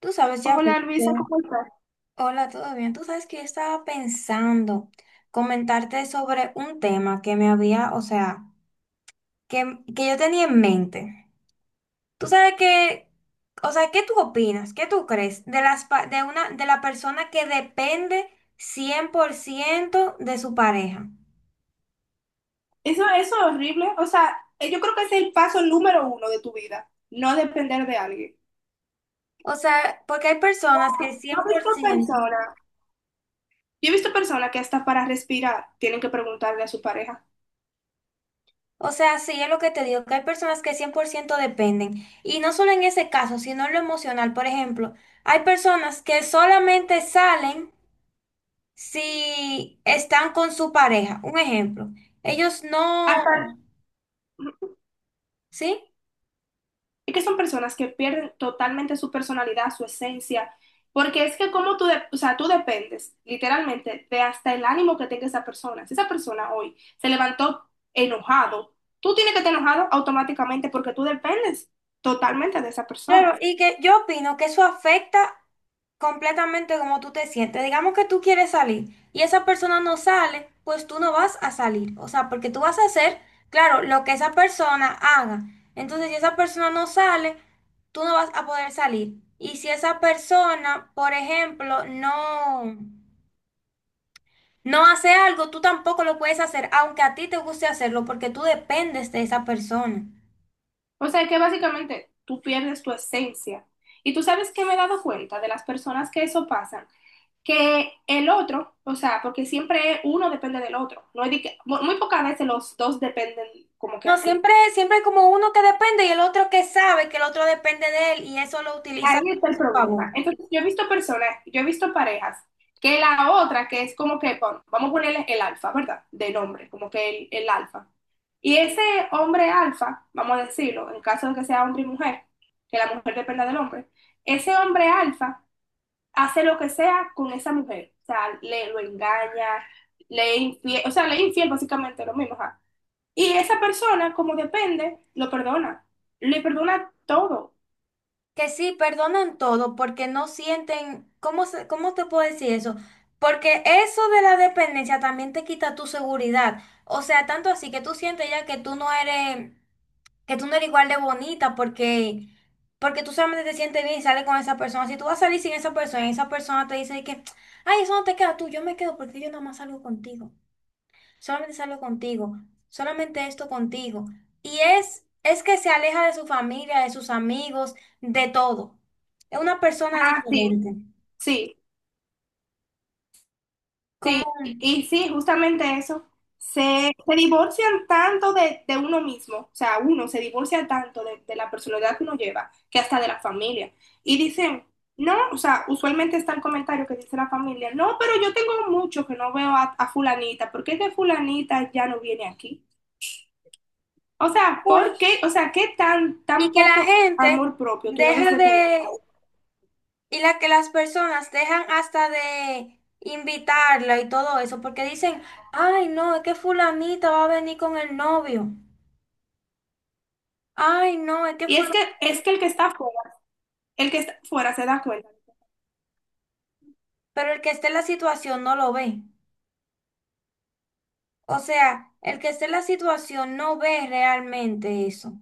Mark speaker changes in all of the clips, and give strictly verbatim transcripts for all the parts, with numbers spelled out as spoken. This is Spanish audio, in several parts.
Speaker 1: Tú sabes, ya,
Speaker 2: Hola Luisa, ¿cómo estás?
Speaker 1: hola, ¿todo bien? Tú sabes que yo estaba pensando comentarte sobre un tema que me había, o sea, que, que yo tenía en mente. Tú sabes que, o sea, ¿qué tú opinas? ¿Qué tú crees de las, pa- de una, de la persona que depende cien por ciento de su pareja?
Speaker 2: Eso, eso es horrible. O sea, eh, yo creo que ese es el paso número uno de tu vida, no depender de alguien.
Speaker 1: O sea, porque hay personas que
Speaker 2: Yo
Speaker 1: cien
Speaker 2: he
Speaker 1: por
Speaker 2: visto
Speaker 1: ciento.
Speaker 2: personas, yo he visto personas que hasta para respirar tienen que preguntarle a su pareja.
Speaker 1: O sea, sí, es lo que te digo, que hay personas que cien por ciento dependen. Y no solo en ese caso, sino en lo emocional. Por ejemplo, hay personas que solamente salen si están con su pareja. Un ejemplo. Ellos no,
Speaker 2: Hasta,
Speaker 1: ¿sí?
Speaker 2: y que son personas que pierden totalmente su personalidad, su esencia, porque es que como tú, de- o sea, tú dependes literalmente de hasta el ánimo que tenga esa persona. Si esa persona hoy se levantó enojado, tú tienes que estar enojado automáticamente porque tú dependes totalmente de esa persona.
Speaker 1: Claro, y que yo opino que eso afecta completamente cómo tú te sientes. Digamos que tú quieres salir y esa persona no sale, pues tú no vas a salir. O sea, porque tú vas a hacer, claro, lo que esa persona haga. Entonces, si esa persona no sale, tú no vas a poder salir. Y si esa persona, por ejemplo, no, no hace algo, tú tampoco lo puedes hacer, aunque a ti te guste hacerlo, porque tú dependes de esa persona.
Speaker 2: O sea que básicamente tú pierdes tu esencia. Y tú sabes que me he dado cuenta de las personas que eso pasan, que el otro, o sea, porque siempre uno depende del otro, no es de que- muy pocas veces los dos dependen como que
Speaker 1: No,
Speaker 2: así.
Speaker 1: siempre, siempre hay como uno que depende y el otro que sabe que el otro depende de él y eso lo utiliza
Speaker 2: Ahí está
Speaker 1: a
Speaker 2: el
Speaker 1: su
Speaker 2: problema.
Speaker 1: favor.
Speaker 2: Entonces, yo he visto personas, yo he visto parejas, que la otra, que es como que, bueno, vamos a ponerle el alfa, ¿verdad? De nombre, como que el, el alfa. Y ese hombre alfa, vamos a decirlo, en caso de que sea hombre y mujer, que la mujer dependa del hombre, ese hombre alfa hace lo que sea con esa mujer. O sea, le lo engaña, le es infiel, o sea, le es infiel básicamente lo mismo. Ajá. Y esa persona, como depende, lo perdona. Le perdona todo.
Speaker 1: Que sí, perdonan todo porque no sienten, ¿cómo, se- cómo te puedo decir eso? Porque eso de la dependencia también te quita tu seguridad. O sea, tanto así que tú sientes ya que tú no eres, que tú no eres igual de bonita porque, porque tú solamente te sientes bien y sales con esa persona. Si tú vas a salir sin esa persona y esa persona te dice de que, ay, eso no te queda tú, yo me quedo porque yo nada más salgo contigo. Solamente salgo contigo, solamente esto contigo. Y es, es que se aleja de su familia, de sus amigos, de todo. Es una persona
Speaker 2: Ah, sí,
Speaker 1: diferente.
Speaker 2: sí.
Speaker 1: Como,
Speaker 2: Sí, y sí, justamente eso. Se, se divorcian tanto de, de uno mismo, o sea, uno se divorcia tanto de, de la personalidad que uno lleva, que hasta de la familia. Y dicen, no, o sea, usualmente está el comentario que dice la familia, no, pero yo tengo mucho que no veo a, a fulanita, ¿por qué es que fulanita ya no viene aquí? O sea,
Speaker 1: bueno,
Speaker 2: ¿por qué? O sea, ¿qué tan,
Speaker 1: y
Speaker 2: tan
Speaker 1: que la
Speaker 2: poco
Speaker 1: gente
Speaker 2: amor propio tú debes
Speaker 1: deja
Speaker 2: de tener?
Speaker 1: de, y la que las personas dejan hasta de invitarla y todo eso, porque dicen, ay, no, es que fulanita va a venir con el novio. Ay, no, es que
Speaker 2: Y es que,
Speaker 1: fulanita,
Speaker 2: es que el que está fuera, el que está fuera se da cuenta.
Speaker 1: pero el que esté en la situación no lo ve. O sea, el que esté en la situación no ve realmente eso.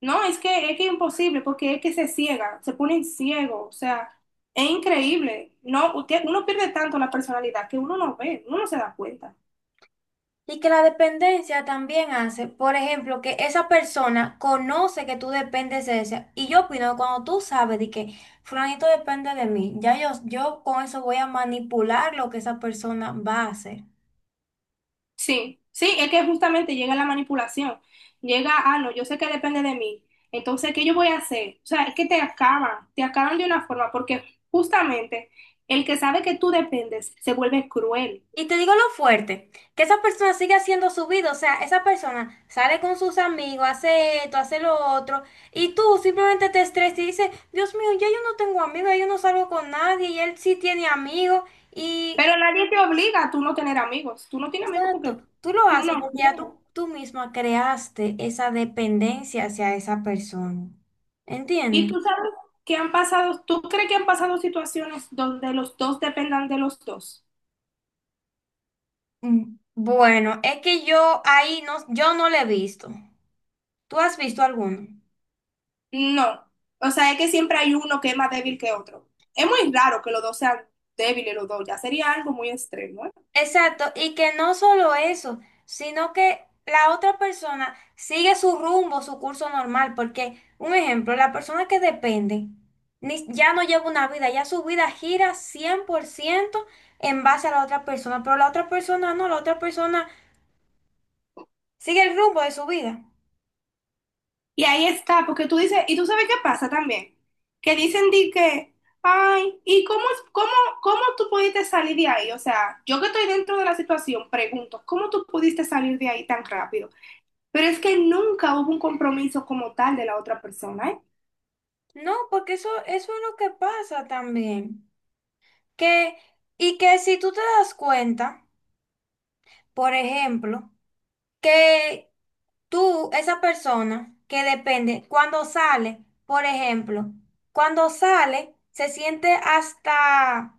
Speaker 2: No, es que es que es imposible, porque es que se ciega, se ponen ciego, o sea, es increíble. No, usted- uno pierde tanto la personalidad que uno no ve, uno no se da cuenta.
Speaker 1: Y que la dependencia también hace, por ejemplo, que esa persona conoce que tú dependes de ella. Y yo opino que cuando tú sabes de que fulanito depende de mí, ya yo, yo con eso voy a manipular lo que esa persona va a hacer.
Speaker 2: Sí, sí, es que justamente llega la manipulación, llega, ah, no, yo sé que depende de mí, entonces, ¿qué yo voy a hacer? O sea, es que te acaban, te acaban de una forma, porque justamente el que sabe que tú dependes se vuelve cruel,
Speaker 1: Y te digo lo fuerte, que esa persona sigue haciendo su vida, o sea, esa persona sale con sus amigos, hace esto, hace lo otro, y tú simplemente te estresas y dices, Dios mío, ya yo no tengo amigos, ya yo no salgo con nadie, y él sí tiene amigos, y
Speaker 2: pero nadie te obliga a tú no tener amigos, tú no tienes amigos porque
Speaker 1: exacto, tú lo
Speaker 2: tú
Speaker 1: haces
Speaker 2: no.
Speaker 1: porque ya tú, tú misma creaste esa dependencia hacia esa persona,
Speaker 2: Y
Speaker 1: ¿entiendes?
Speaker 2: tú sabes que han pasado, ¿tú crees que han pasado situaciones donde los dos dependan de los dos?
Speaker 1: Mm, bueno, es que yo ahí no, yo no le he visto. ¿Tú has visto alguno?
Speaker 2: No. O sea, es que siempre hay uno que es más débil que otro. Es muy raro que los dos sean débiles los dos, ya sería algo muy extremo, ¿eh?
Speaker 1: Exacto, y que no solo eso, sino que la otra persona sigue su rumbo, su curso normal, porque, un ejemplo, la persona que depende ni- ya no lleva una vida, ya su vida gira cien por ciento en base a la otra persona, pero la otra persona no, la otra persona sigue el rumbo de su vida.
Speaker 2: Y ahí está, porque tú dices, y tú sabes qué pasa también, que dicen di que, ay, ¿y cómo, es- cómo, cómo tú pudiste salir de ahí? O sea, yo que estoy dentro de la situación, pregunto, ¿cómo tú pudiste salir de ahí tan rápido? Pero es que nunca hubo un compromiso como tal de la otra persona, ¿eh?
Speaker 1: No, porque eso, eso es lo que pasa también, que, y que si tú te das cuenta, por ejemplo, que tú, esa persona que depende, cuando sale, por ejemplo, cuando sale, se siente hasta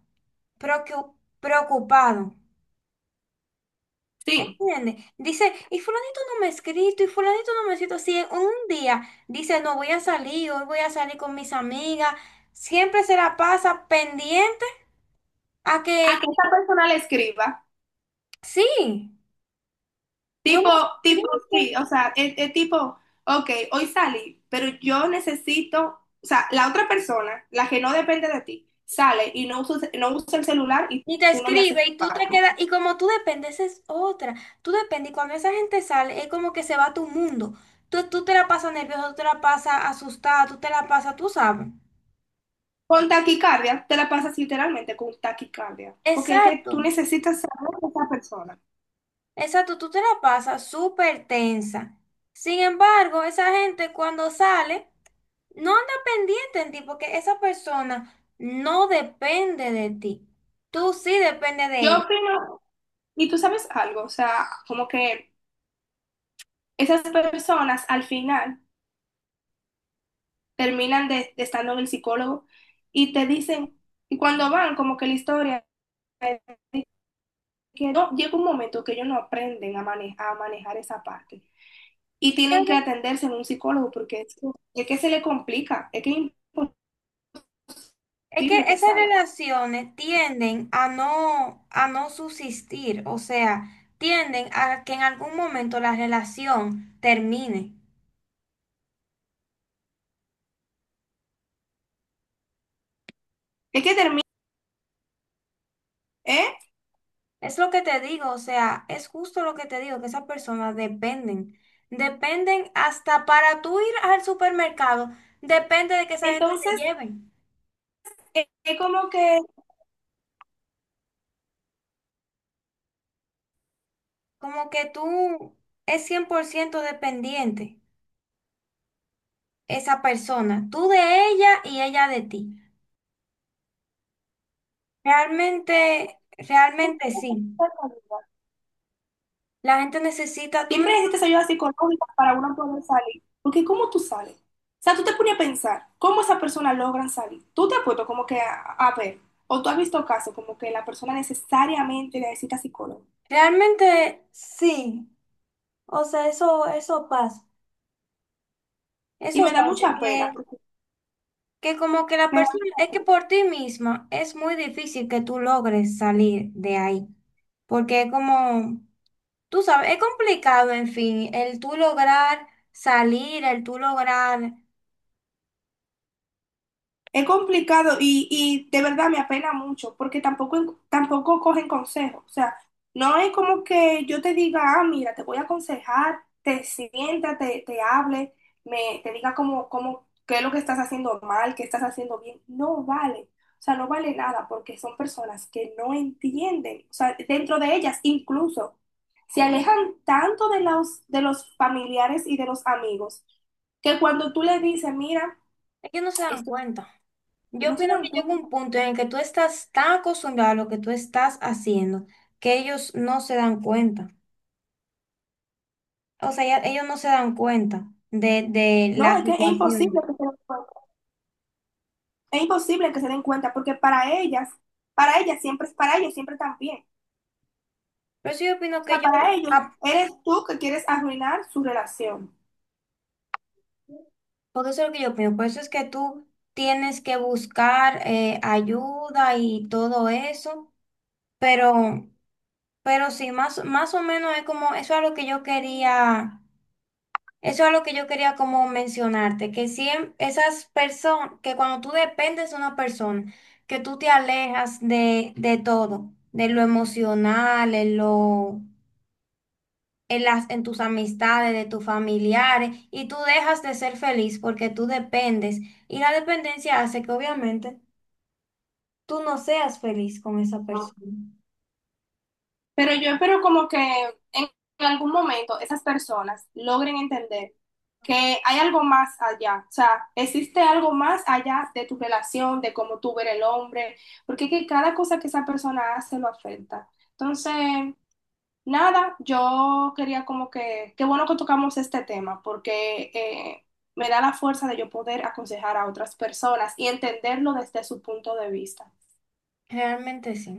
Speaker 1: preocu- preocupado.
Speaker 2: Sí,
Speaker 1: ¿Entiendes? Dice, y fulanito no me ha escrito, y fulanito no me ha escrito. Si en un día dice, no voy a salir, hoy voy a salir con mis amigas, siempre se la pasa pendiente a
Speaker 2: a
Speaker 1: que
Speaker 2: que esa persona le escriba.
Speaker 1: sí, no me
Speaker 2: Tipo,
Speaker 1: ha
Speaker 2: tipo, sí, o
Speaker 1: escrito.
Speaker 2: sea, es, es tipo, ok, hoy salí, pero yo necesito, o sea, la otra persona, la que no depende de ti, sale y no usa, no usa el celular y
Speaker 1: Y te
Speaker 2: tú no le haces
Speaker 1: escribe y tú te
Speaker 2: falta.
Speaker 1: quedas, y como tú dependes es otra, tú dependes y cuando esa gente sale es como que se va a tu mundo, tú, tú te la pasas nerviosa, tú te la pasas asustada, tú te la pasas, tú sabes.
Speaker 2: Con taquicardia, te la pasas literalmente con taquicardia, porque es que
Speaker 1: Exacto,
Speaker 2: tú necesitas saber de esa persona.
Speaker 1: exacto, tú te la pasas súper tensa. Sin embargo, esa gente cuando sale, no anda pendiente en ti porque esa persona no depende de ti, tú sí depende de
Speaker 2: Yo
Speaker 1: ella.
Speaker 2: opino, y tú sabes algo, o sea, como que esas personas al final terminan de, de estando en el psicólogo y te dicen, y cuando van, como que la historia, eh, que no, llega un momento que ellos no aprenden a, mane- a manejar esa parte y tienen que atenderse en un psicólogo porque es, es que se le complica, es que es
Speaker 1: Es que
Speaker 2: imposible que
Speaker 1: esas
Speaker 2: salga,
Speaker 1: relaciones tienden a no, a no subsistir, o sea, tienden a que en algún momento la relación termine.
Speaker 2: es que termina, ¿eh?
Speaker 1: Es lo que te digo, o sea, es justo lo que te digo, que esas personas dependen. Dependen hasta para tú ir al supermercado, depende de que esa gente te
Speaker 2: Entonces,
Speaker 1: lleve.
Speaker 2: eh, es como que...
Speaker 1: Como que tú es cien por ciento dependiente esa persona, tú de ella y ella de ti. Realmente, realmente sí. La gente necesita, tú no-
Speaker 2: Siempre necesitas ayuda psicológica para uno poder salir. Porque ¿cómo tú sales? O sea, tú te pones a pensar, ¿cómo esas personas logran salir? Tú te has puesto como que a, a ver, o tú has visto casos como que la persona necesariamente necesita psicólogo.
Speaker 1: realmente sí, o sea, eso, eso pasa,
Speaker 2: Y me
Speaker 1: eso
Speaker 2: da
Speaker 1: pasa,
Speaker 2: mucha pena,
Speaker 1: que,
Speaker 2: porque
Speaker 1: que como que la
Speaker 2: me da
Speaker 1: persona,
Speaker 2: mucha
Speaker 1: es que
Speaker 2: pena.
Speaker 1: por ti misma es muy difícil que tú logres salir de ahí, porque es como, tú sabes, es complicado, en fin, el tú lograr salir, el tú lograr,
Speaker 2: Es complicado y, y de verdad me apena mucho porque tampoco, tampoco cogen consejos. O sea, no es como que yo te diga, ah, mira, te voy a aconsejar, te sienta, te, te hable, me, te diga cómo, cómo, qué es lo que estás haciendo mal, qué estás haciendo bien. No vale. O sea, no vale nada porque son personas que no entienden. O sea, dentro de ellas incluso se alejan tanto de los, de los familiares y de los amigos que cuando tú le dices, mira,
Speaker 1: ellos no se dan
Speaker 2: esto,
Speaker 1: cuenta. Yo
Speaker 2: no se
Speaker 1: opino
Speaker 2: dan
Speaker 1: que llega un
Speaker 2: cuenta.
Speaker 1: punto en el que tú estás tan acostumbrado a lo que tú estás haciendo que ellos no se dan cuenta. O sea, ya- ellos no se dan cuenta de, de la
Speaker 2: No, es que es imposible
Speaker 1: situación.
Speaker 2: que se den cuenta. Es imposible que se den cuenta porque para ellas, para ellas siempre, para ellos siempre están bien.
Speaker 1: Por eso yo
Speaker 2: O
Speaker 1: opino
Speaker 2: sea,
Speaker 1: que yo,
Speaker 2: para ellos
Speaker 1: ah,
Speaker 2: eres tú que quieres arruinar su relación.
Speaker 1: porque eso es lo que yo opino, por eso es que tú tienes que buscar eh, ayuda y todo eso, pero, pero sí, más, más o menos es como, eso es lo que yo quería, eso es lo que yo quería como mencionarte, que siempre esas personas, que cuando tú dependes de una persona, que tú te alejas de, de todo, de lo emocional, de lo... en las, en tus amistades, de tus familiares, y tú dejas de ser feliz porque tú dependes. Y la dependencia hace que obviamente tú no seas feliz con esa persona.
Speaker 2: Pero yo espero como que en algún momento esas personas logren entender que hay algo más allá, o sea, existe algo más allá de tu relación, de cómo tú eres el hombre, porque es que cada cosa que esa persona hace lo afecta. Entonces, nada, yo quería como que, qué bueno que tocamos este tema, porque eh, me da la fuerza de yo poder aconsejar a otras personas y entenderlo desde su punto de vista.
Speaker 1: Realmente sí.